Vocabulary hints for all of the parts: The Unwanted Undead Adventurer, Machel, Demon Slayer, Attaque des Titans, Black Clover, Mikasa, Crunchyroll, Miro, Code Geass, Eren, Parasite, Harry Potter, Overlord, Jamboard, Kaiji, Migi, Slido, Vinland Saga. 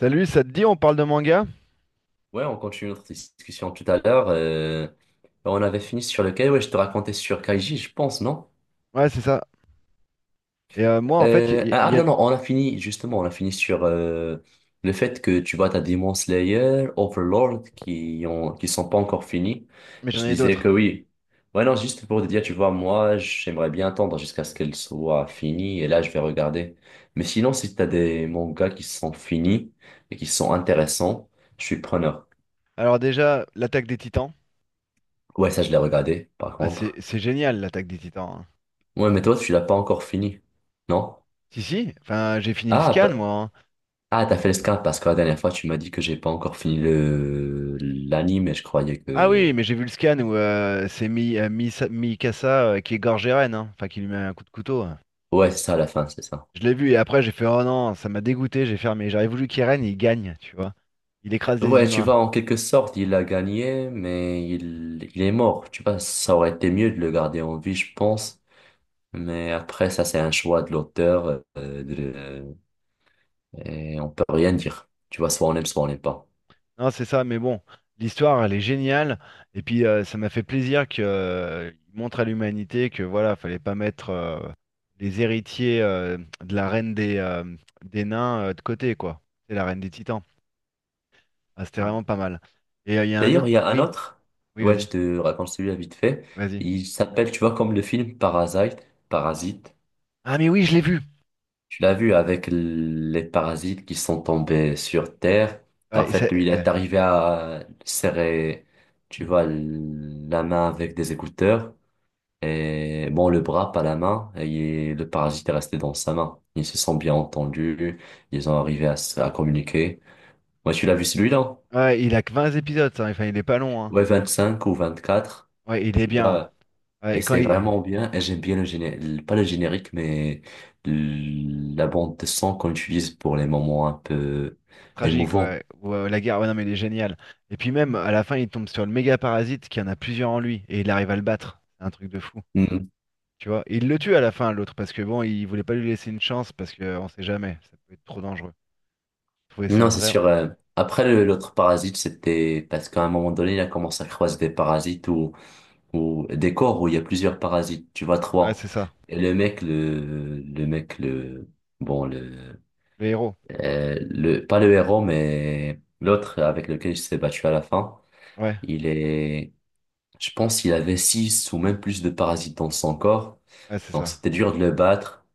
Salut, ça te dit, on parle de manga? Ouais, on continue notre discussion tout à l'heure. On avait fini sur lequel? Ouais, je te racontais sur Kaiji, je pense, non? Ouais, c'est ça. Et moi, en fait, Non, non, on a fini, justement, on a fini sur le fait que tu vois, t'as Demon Slayer, Overlord qui sont pas encore finis. mais j'en Je ai disais d'autres. que oui. Ouais, non, juste pour te dire, tu vois, moi, j'aimerais bien attendre jusqu'à ce qu'elle soit finie et là, je vais regarder. Mais sinon, si t'as des mangas qui sont finis et qui sont intéressants, je suis preneur. Alors déjà, l'attaque des Titans. Ouais, ça, je l'ai regardé, par Ah, c'est contre. c'est génial, l'attaque des Titans, hein. Ouais, mais toi, tu l'as pas encore fini, non? Si, si. Enfin, j'ai fini le Ah, scan, pa- moi, hein. ah, t'as fait le scap parce que la dernière fois, tu m'as dit que j'ai pas encore fini le l'anime et je croyais Ah oui, que... mais j'ai vu le scan où c'est Mikasa qui égorge Eren, hein. Enfin, qui lui met un coup de couteau, hein. Ouais, c'est ça, la fin, c'est ça. Je l'ai vu et après, j'ai fait, oh non, ça m'a dégoûté, j'ai fermé. J'aurais voulu qu'Eren, il gagne, tu vois. Il écrase les Ouais, tu vois, humains. en quelque sorte, il a gagné, mais il est mort. Tu vois, ça aurait été mieux de le garder en vie, je pense. Mais après, ça, c'est un choix de l'auteur, et on peut rien dire. Tu vois, soit on aime, soit on n'aime pas. Non, c'est ça, mais bon, l'histoire, elle est géniale. Et puis, ça m'a fait plaisir que, il montre à l'humanité que, voilà, fallait pas mettre les héritiers de la reine des nains de côté, quoi. C'est la reine des Titans. Ah, c'était Ouais. vraiment pas mal. Et il y a un D'ailleurs, autre. il y a un Oui, autre. oui, Ouais, vas-y, je te raconte celui-là vite fait. vas-y. Il s'appelle, tu vois, comme le film Parasite. Parasite. Ah, mais oui, je l'ai vu. Tu l'as vu avec les parasites qui sont tombés sur Terre. En Ouais, et ça- fait, lui, il ouais. est arrivé à serrer, tu vois, la main avec des écouteurs. Et bon, le bras, pas la main, et le parasite est resté dans sa main. Ils se sont bien entendus, ils ont arrivé à, à communiquer. Moi, tu l'as vu celui-là? Ouais, il a que 20 épisodes, ça. Enfin, il est pas long, hein. Ouais, 25 ou 24 Ouais, il est tu bien, hein. vois. Ouais, Et et quand c'est il... vraiment bien, et j'aime bien le générique, pas le générique, mais la bande de son qu'on utilise pour les moments un peu Tragique, émouvants. ouais. Ouais, ouais, la guerre, ouais, non, mais il est génial. Et puis même, à la fin, il tombe sur le méga parasite qui en a plusieurs en lui et il arrive à le battre. C'est un truc de fou, Mhm. tu vois. Et il le tue à la fin, l'autre, parce que bon, il voulait pas lui laisser une chance parce que on sait jamais, ça peut être trop dangereux. Je trouvais ça Non, c'est vraiment. sûr. Après, l'autre parasite, c'était parce qu'à un moment donné, il a commencé à croiser des parasites ou des corps où il y a plusieurs parasites, tu vois, Ouais, trois. c'est ça. Et le mec, le, bon, Le héros. Le, pas le héros, mais l'autre avec lequel il s'est battu à la fin, Ouais, il est, je pense qu'il avait 6 ou même plus de parasites dans son corps. ouais, c'est Donc ça. c'était dur de le battre.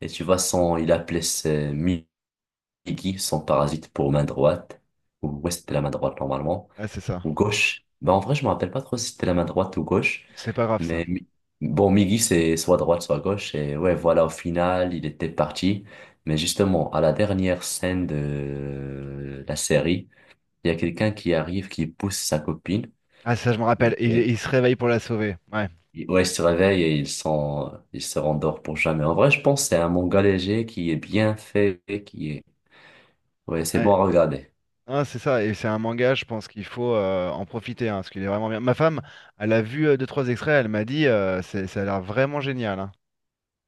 Et tu vois, il appelait ses Migi, son parasite pour main droite, ou ouais, c'était la main droite normalement. Ouais, c'est ça. Ou gauche. Bah, en vrai, je me rappelle pas trop si c'était la main droite ou gauche. C'est pas grave, ça. Mais Mi- Miggy, c'est soit droite, soit gauche. Et ouais, voilà, au final, il était parti. Mais justement, à la dernière scène de la série, il y a quelqu'un qui arrive, qui pousse sa copine. Ah, ça, je me rappelle. Et, et- Il se réveille pour la sauver. Ouais. Ouais, il se réveille et il se rendort pour jamais. En vrai, je pense que c'est un manga léger qui est bien fait, qui est, ouais, c'est Ouais. bon à regarder. Ah, c'est ça. Et c'est un manga, je pense qu'il faut en profiter, hein, parce qu'il est vraiment bien. Ma femme, elle a vu deux, trois extraits, elle m'a dit, c'est- ça a l'air vraiment génial, hein.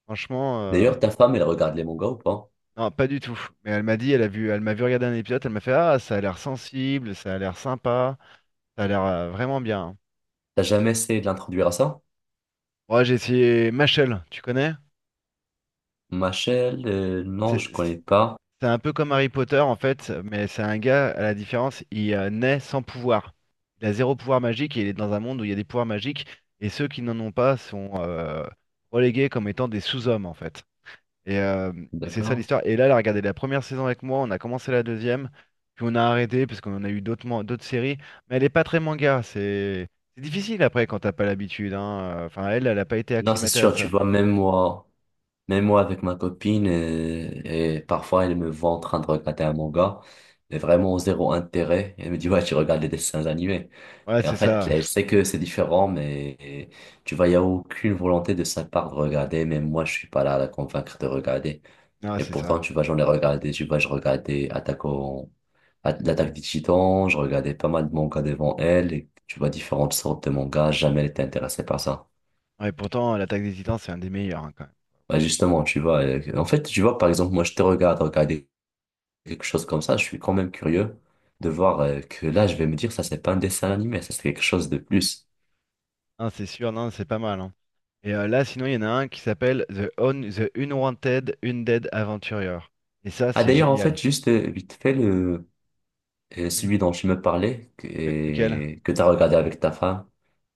Franchement, D'ailleurs, ta femme, elle regarde les mangas ou pas? non, pas du tout. Mais elle m'a dit, elle a vu, elle m'a vu regarder un épisode, elle m'a fait, ah, ça a l'air sensible, ça a l'air sympa, ça a l'air vraiment bien. T'as jamais essayé de l'introduire à ça? Moi, j'ai essayé Machel, tu connais? Machel, non, C'est je connais pas. c'est un peu comme Harry Potter en fait, mais c'est un gars, à la différence, il naît sans pouvoir. Il a zéro pouvoir magique et il est dans un monde où il y a des pouvoirs magiques et ceux qui n'en ont pas sont relégués comme étant des sous-hommes en fait. Et, euh, et c'est ça D'accord. l'histoire. Et là, elle a regardé la première saison avec moi, on a commencé la deuxième, puis on a arrêté parce qu'on en a eu d'autres d'autres séries. Mais elle est pas très manga, c'est difficile après quand t'as pas l'habitude, hein. Enfin, elle, elle a pas été Non, c'est acclimatée à sûr, tu ça. vois, même moi avec ma copine, et parfois elle me voit en train de regarder un manga, mais vraiment zéro intérêt. Elle me dit, ouais, tu regardes des dessins animés. Ouais, Et en c'est fait, ça. elle sait que c'est différent, mais euh, tu vois, il n'y a aucune volonté de sa part de regarder, même moi, je suis pas là à la convaincre de regarder. Ah, Et c'est ça. pourtant, tu vois, j'en ai regardé, tu vois, je regardais L'attaque des Titans, je regardais pas mal de mangas devant elle, et tu vois, différentes sortes de mangas, jamais elle était intéressée par ça. Ouais, pourtant, l'Attaque des Titans, c'est un des meilleurs, hein, quand même. Bah, justement, tu vois, tu vois, par exemple, moi, je te regarde regarder quelque chose comme ça, je suis quand même curieux de voir que là, je vais me dire, ça, c'est pas un dessin animé, ça, c'est quelque chose de plus. Non, c'est sûr, non, c'est pas mal, hein. Et là, sinon, il y en a un qui s'appelle The Unwanted Undead Aventurier. Et ça, Ah, c'est d'ailleurs, en fait, génial. juste vite fait, Oui. celui dont tu me parlais, Le- Lequel? et que t'as regardé avec ta femme,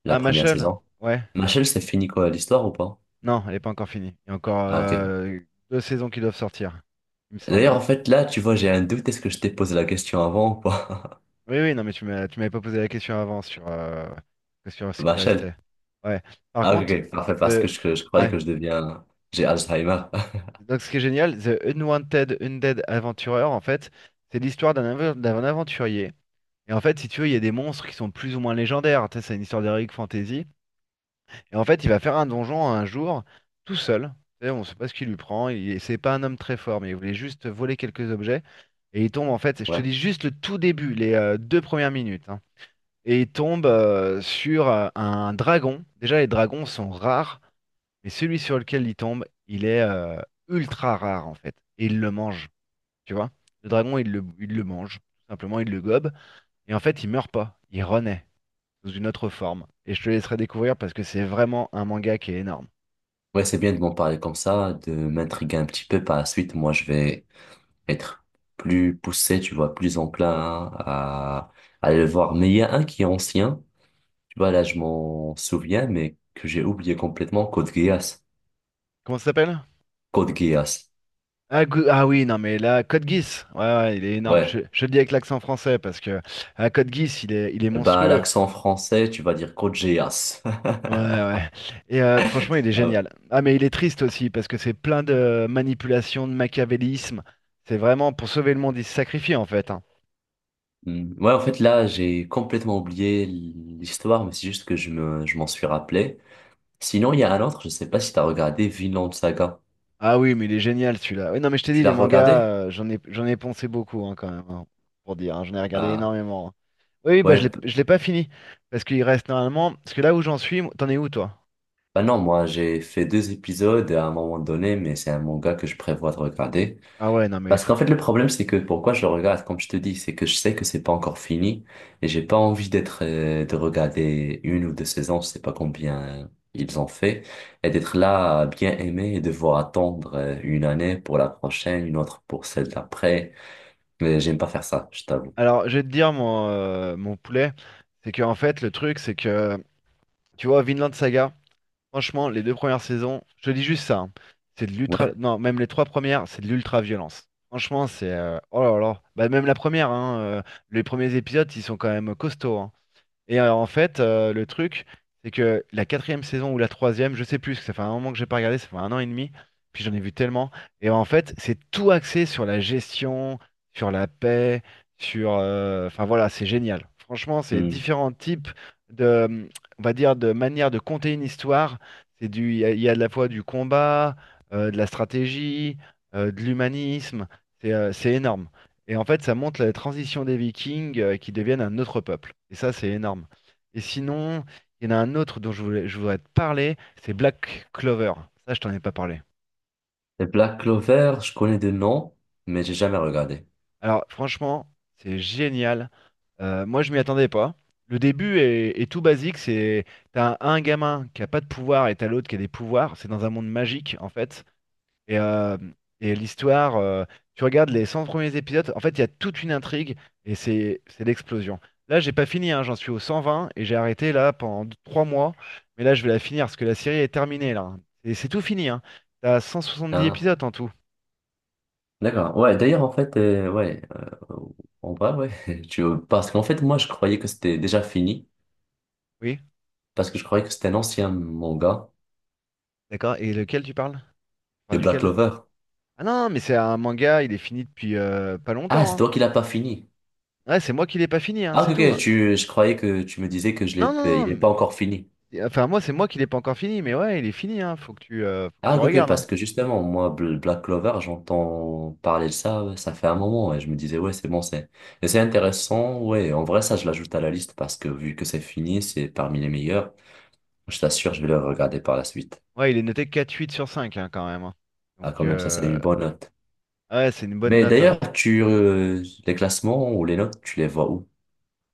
la Ah, première Machel? saison. Ouais. Machel, c'est fini quoi, l'histoire ou pas? Non, elle n'est pas encore finie. Il y a encore Ah, ok. Deux saisons qui doivent sortir, il me D'ailleurs, semble. en fait, là, tu vois, j'ai un doute. Est-ce que je t'ai posé la question avant ou pas? Oui, oui, non, mais tu m'as, tu m'avais pas posé la question avant sur, sur ce qui Vachel. restait. Ouais. Par Ah, ok, contre, ok. Parfait, parce The... que je croyais ouais. que je deviens... J'ai Alzheimer. Donc, ce qui est génial, The Unwanted Undead Adventurer, en fait, c'est l'histoire d'un d'un aventurier. Et en fait, si tu veux, il y a des monstres qui sont plus ou moins légendaires. Tu sais, c'est une histoire d'heroic fantasy. Et en fait, il va faire un donjon un jour, tout seul. Tu sais, on ne sait pas ce qui lui prend. Il, c'est pas un homme très fort, mais il voulait juste voler quelques objets. Et il tombe, en fait, je te Ouais. dis juste le tout début, les deux premières minutes, hein. Et il tombe sur un dragon. Déjà, les dragons sont rares, mais celui sur lequel il tombe, il est ultra rare, en fait. Et il le mange, tu vois. Le dragon, il le mange. Tout simplement, il le gobe. Et en fait, il meurt pas. Il renaît sous une autre forme. Et je te laisserai découvrir parce que c'est vraiment un manga qui est énorme. Ouais, c'est bien de m'en parler comme ça, de m'intriguer un petit peu. Par la suite, moi, je vais être plus poussé, tu vois, plus enclin hein, à aller le voir. Mais il y a un qui est ancien. Tu vois, là, je m'en souviens, mais que j'ai oublié complètement. Code Geass. Comment ça s'appelle? Code Geass. Ah oui, non mais là, Code Geass, ouais, ouais, il est énorme. Je, Ouais. je le dis avec l'accent français parce que ah, Code Geass, il est Bah, monstrueux. l'accent français, tu vas dire Code Geass. Ouais, ouais. Et franchement, il est génial. Ah, mais il est triste aussi parce que c'est plein de manipulations, de machiavélisme. C'est vraiment pour sauver le monde, il se sacrifie en fait, hein. Hmm. Ouais, en fait, là, j'ai complètement oublié l'histoire, mais c'est juste que je m'en suis rappelé. Sinon, il y a un autre, je sais pas si t'as regardé Vinland Saga. Ah oui, mais il est génial celui-là. Oui, non, mais je t'ai Tu dit, les l'as mangas, regardé? J'en ai poncé beaucoup, hein, quand même, hein, pour dire, hein. J'en ai regardé Ah, énormément, hein. Oui, oui, bah ouais. je l'ai, p- je l'ai pas fini parce qu'il reste normalement. Parce que là où j'en suis, t'en es où toi? Bah non, moi, j'ai fait 2 épisodes à un moment donné, mais c'est un manga que je prévois de regarder. Ah ouais, non mais il Parce faut qu'en que. fait, le problème, c'est que pourquoi je le regarde, comme je te dis, c'est que je sais que c'est pas encore fini et j'ai pas envie d'être, de regarder une ou deux saisons, je sais pas combien ils ont fait, et d'être là à bien aimer et devoir attendre une année pour la prochaine, une autre pour celle d'après. Mais j'aime pas faire ça, je t'avoue. Alors, je vais te dire, mon, mon poulet, c'est que en fait, le truc, c'est que, tu vois, Vinland Saga, franchement, les deux premières saisons, je te dis juste ça, hein, c'est de l'ultra... Ouais. Non, même les trois premières, c'est de l'ultra-violence. Franchement, c'est... oh là là. Bah, même la première, hein, les premiers épisodes, ils sont quand même costauds, hein. Et en fait, le truc, c'est que la quatrième saison ou la troisième, je sais plus, parce que ça fait un moment que j'ai pas regardé, ça fait un an et demi, puis j'en ai vu tellement. Et en fait, c'est tout axé sur la gestion, sur la paix, sur... Enfin voilà, c'est génial. Franchement, c'est Hmm. différents types de, on va dire, de manière de compter une histoire. C'est du, il y a de la fois du combat, de la stratégie, de l'humanisme. C'est énorme. Et en fait, ça montre la transition des Vikings qui deviennent un autre peuple. Et ça, c'est énorme. Et sinon, il y en a un autre dont je voulais, je voudrais te parler, c'est Black Clover. Ça, je t'en ai pas parlé. Et Black Clover, je connais des noms, mais j'ai jamais regardé. Alors, franchement, c'est génial. Moi, je m'y attendais pas. Le début est tout basique. C'est t'as un gamin qui a pas de pouvoir et t'as l'autre qui a des pouvoirs. C'est dans un monde magique, en fait. Et, euh, et l'histoire, tu regardes les 100 premiers épisodes, en fait, il y a toute une intrigue et c'est l'explosion. Là, j'ai pas fini, hein, j'en suis au 120 et j'ai arrêté là pendant 3 mois. Mais là, je vais la finir parce que la série est terminée là. Et c'est tout fini, hein. T'as dix Ah, épisodes en tout. d'accord. Ouais, d'ailleurs, en fait, ouais, en vrai, ouais, parce qu'en fait, moi, je croyais que c'était déjà fini. Oui, Parce que je croyais que c'était un ancien manga d'accord. Et lequel tu parles? Tu de parles Black duquel? Clover. Ah non, mais c'est un manga, il est fini depuis pas Ah, longtemps, c'est hein. toi qui l'as pas fini. Ouais, c'est moi qui l'ai pas fini, hein, Ah, ok, c'est tout. ok, je croyais que tu me disais que je l'ai, Non, non, pas- il non. n'est pas encore fini. Enfin, moi, c'est moi qui l'ai pas encore fini, mais ouais, il est fini, hein. Faut que Ah, tu ok, ok, regardes, parce hein. que justement, moi, Black Clover, j'entends parler de ça, ouais, ça fait un moment, et je me disais, ouais, et c'est intéressant, ouais, en vrai, ça, je l'ajoute à la liste parce que vu que c'est fini, c'est parmi les meilleurs. Je t'assure, je vais le regarder par la suite. Ouais, il est noté 4,8 sur 5, hein, quand même, hein. Donc, Ah, quand même, ça, c'est une bonne note. ouais, c'est une bonne Mais note, hein. d'ailleurs, les classements ou les notes, tu les vois où?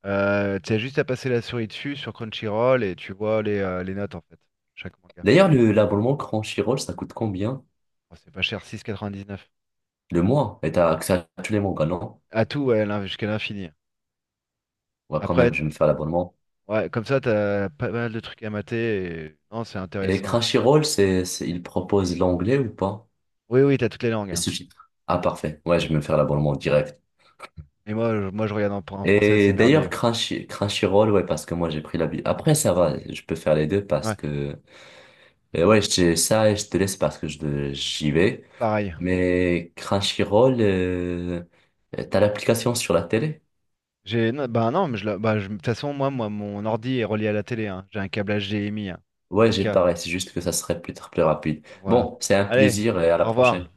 Tu as juste à passer la souris dessus sur Crunchyroll et tu vois les notes en fait. Chaque manga. D'ailleurs, l'abonnement Crunchyroll, ça coûte combien? Bon, c'est pas cher, 6,99. Le mois, et t'as accès à tous les mangas, non? À tout, ouais, l'in- jusqu'à l'infini, hein. Ouais, quand même, Après, je vais me faire l'abonnement. ouais, comme ça, t'as pas mal de trucs à mater. Et- Non, c'est Et intéressant. Crunchyroll, il propose l'anglais ou pas? Oui, oui, t'as toutes les langues, Les hein. sous-titres. Ah, parfait. Ouais, je vais me faire l'abonnement direct. Et moi, je regarde en, en français, c'est Et d'ailleurs, merveilleux. Crunchyroll, ouais, parce que moi, j'ai pris la bi- après, ça va, je peux faire les deux parce Ouais, que, ça, et je te laisse parce que j'y vais. pareil. Mais Crunchyroll, t'as l'application sur la télé? J'ai, non, bah non, mais je, la- bah, je- de toute façon, moi, mon ordi est relié à la télé, hein. J'ai un câblage HDMI, hein, Ouais, j'ai 4K. pareil, c'est juste que ça serait peut-être plus rapide. Voilà. Bon, c'est un Allez, plaisir et à la au prochaine. revoir.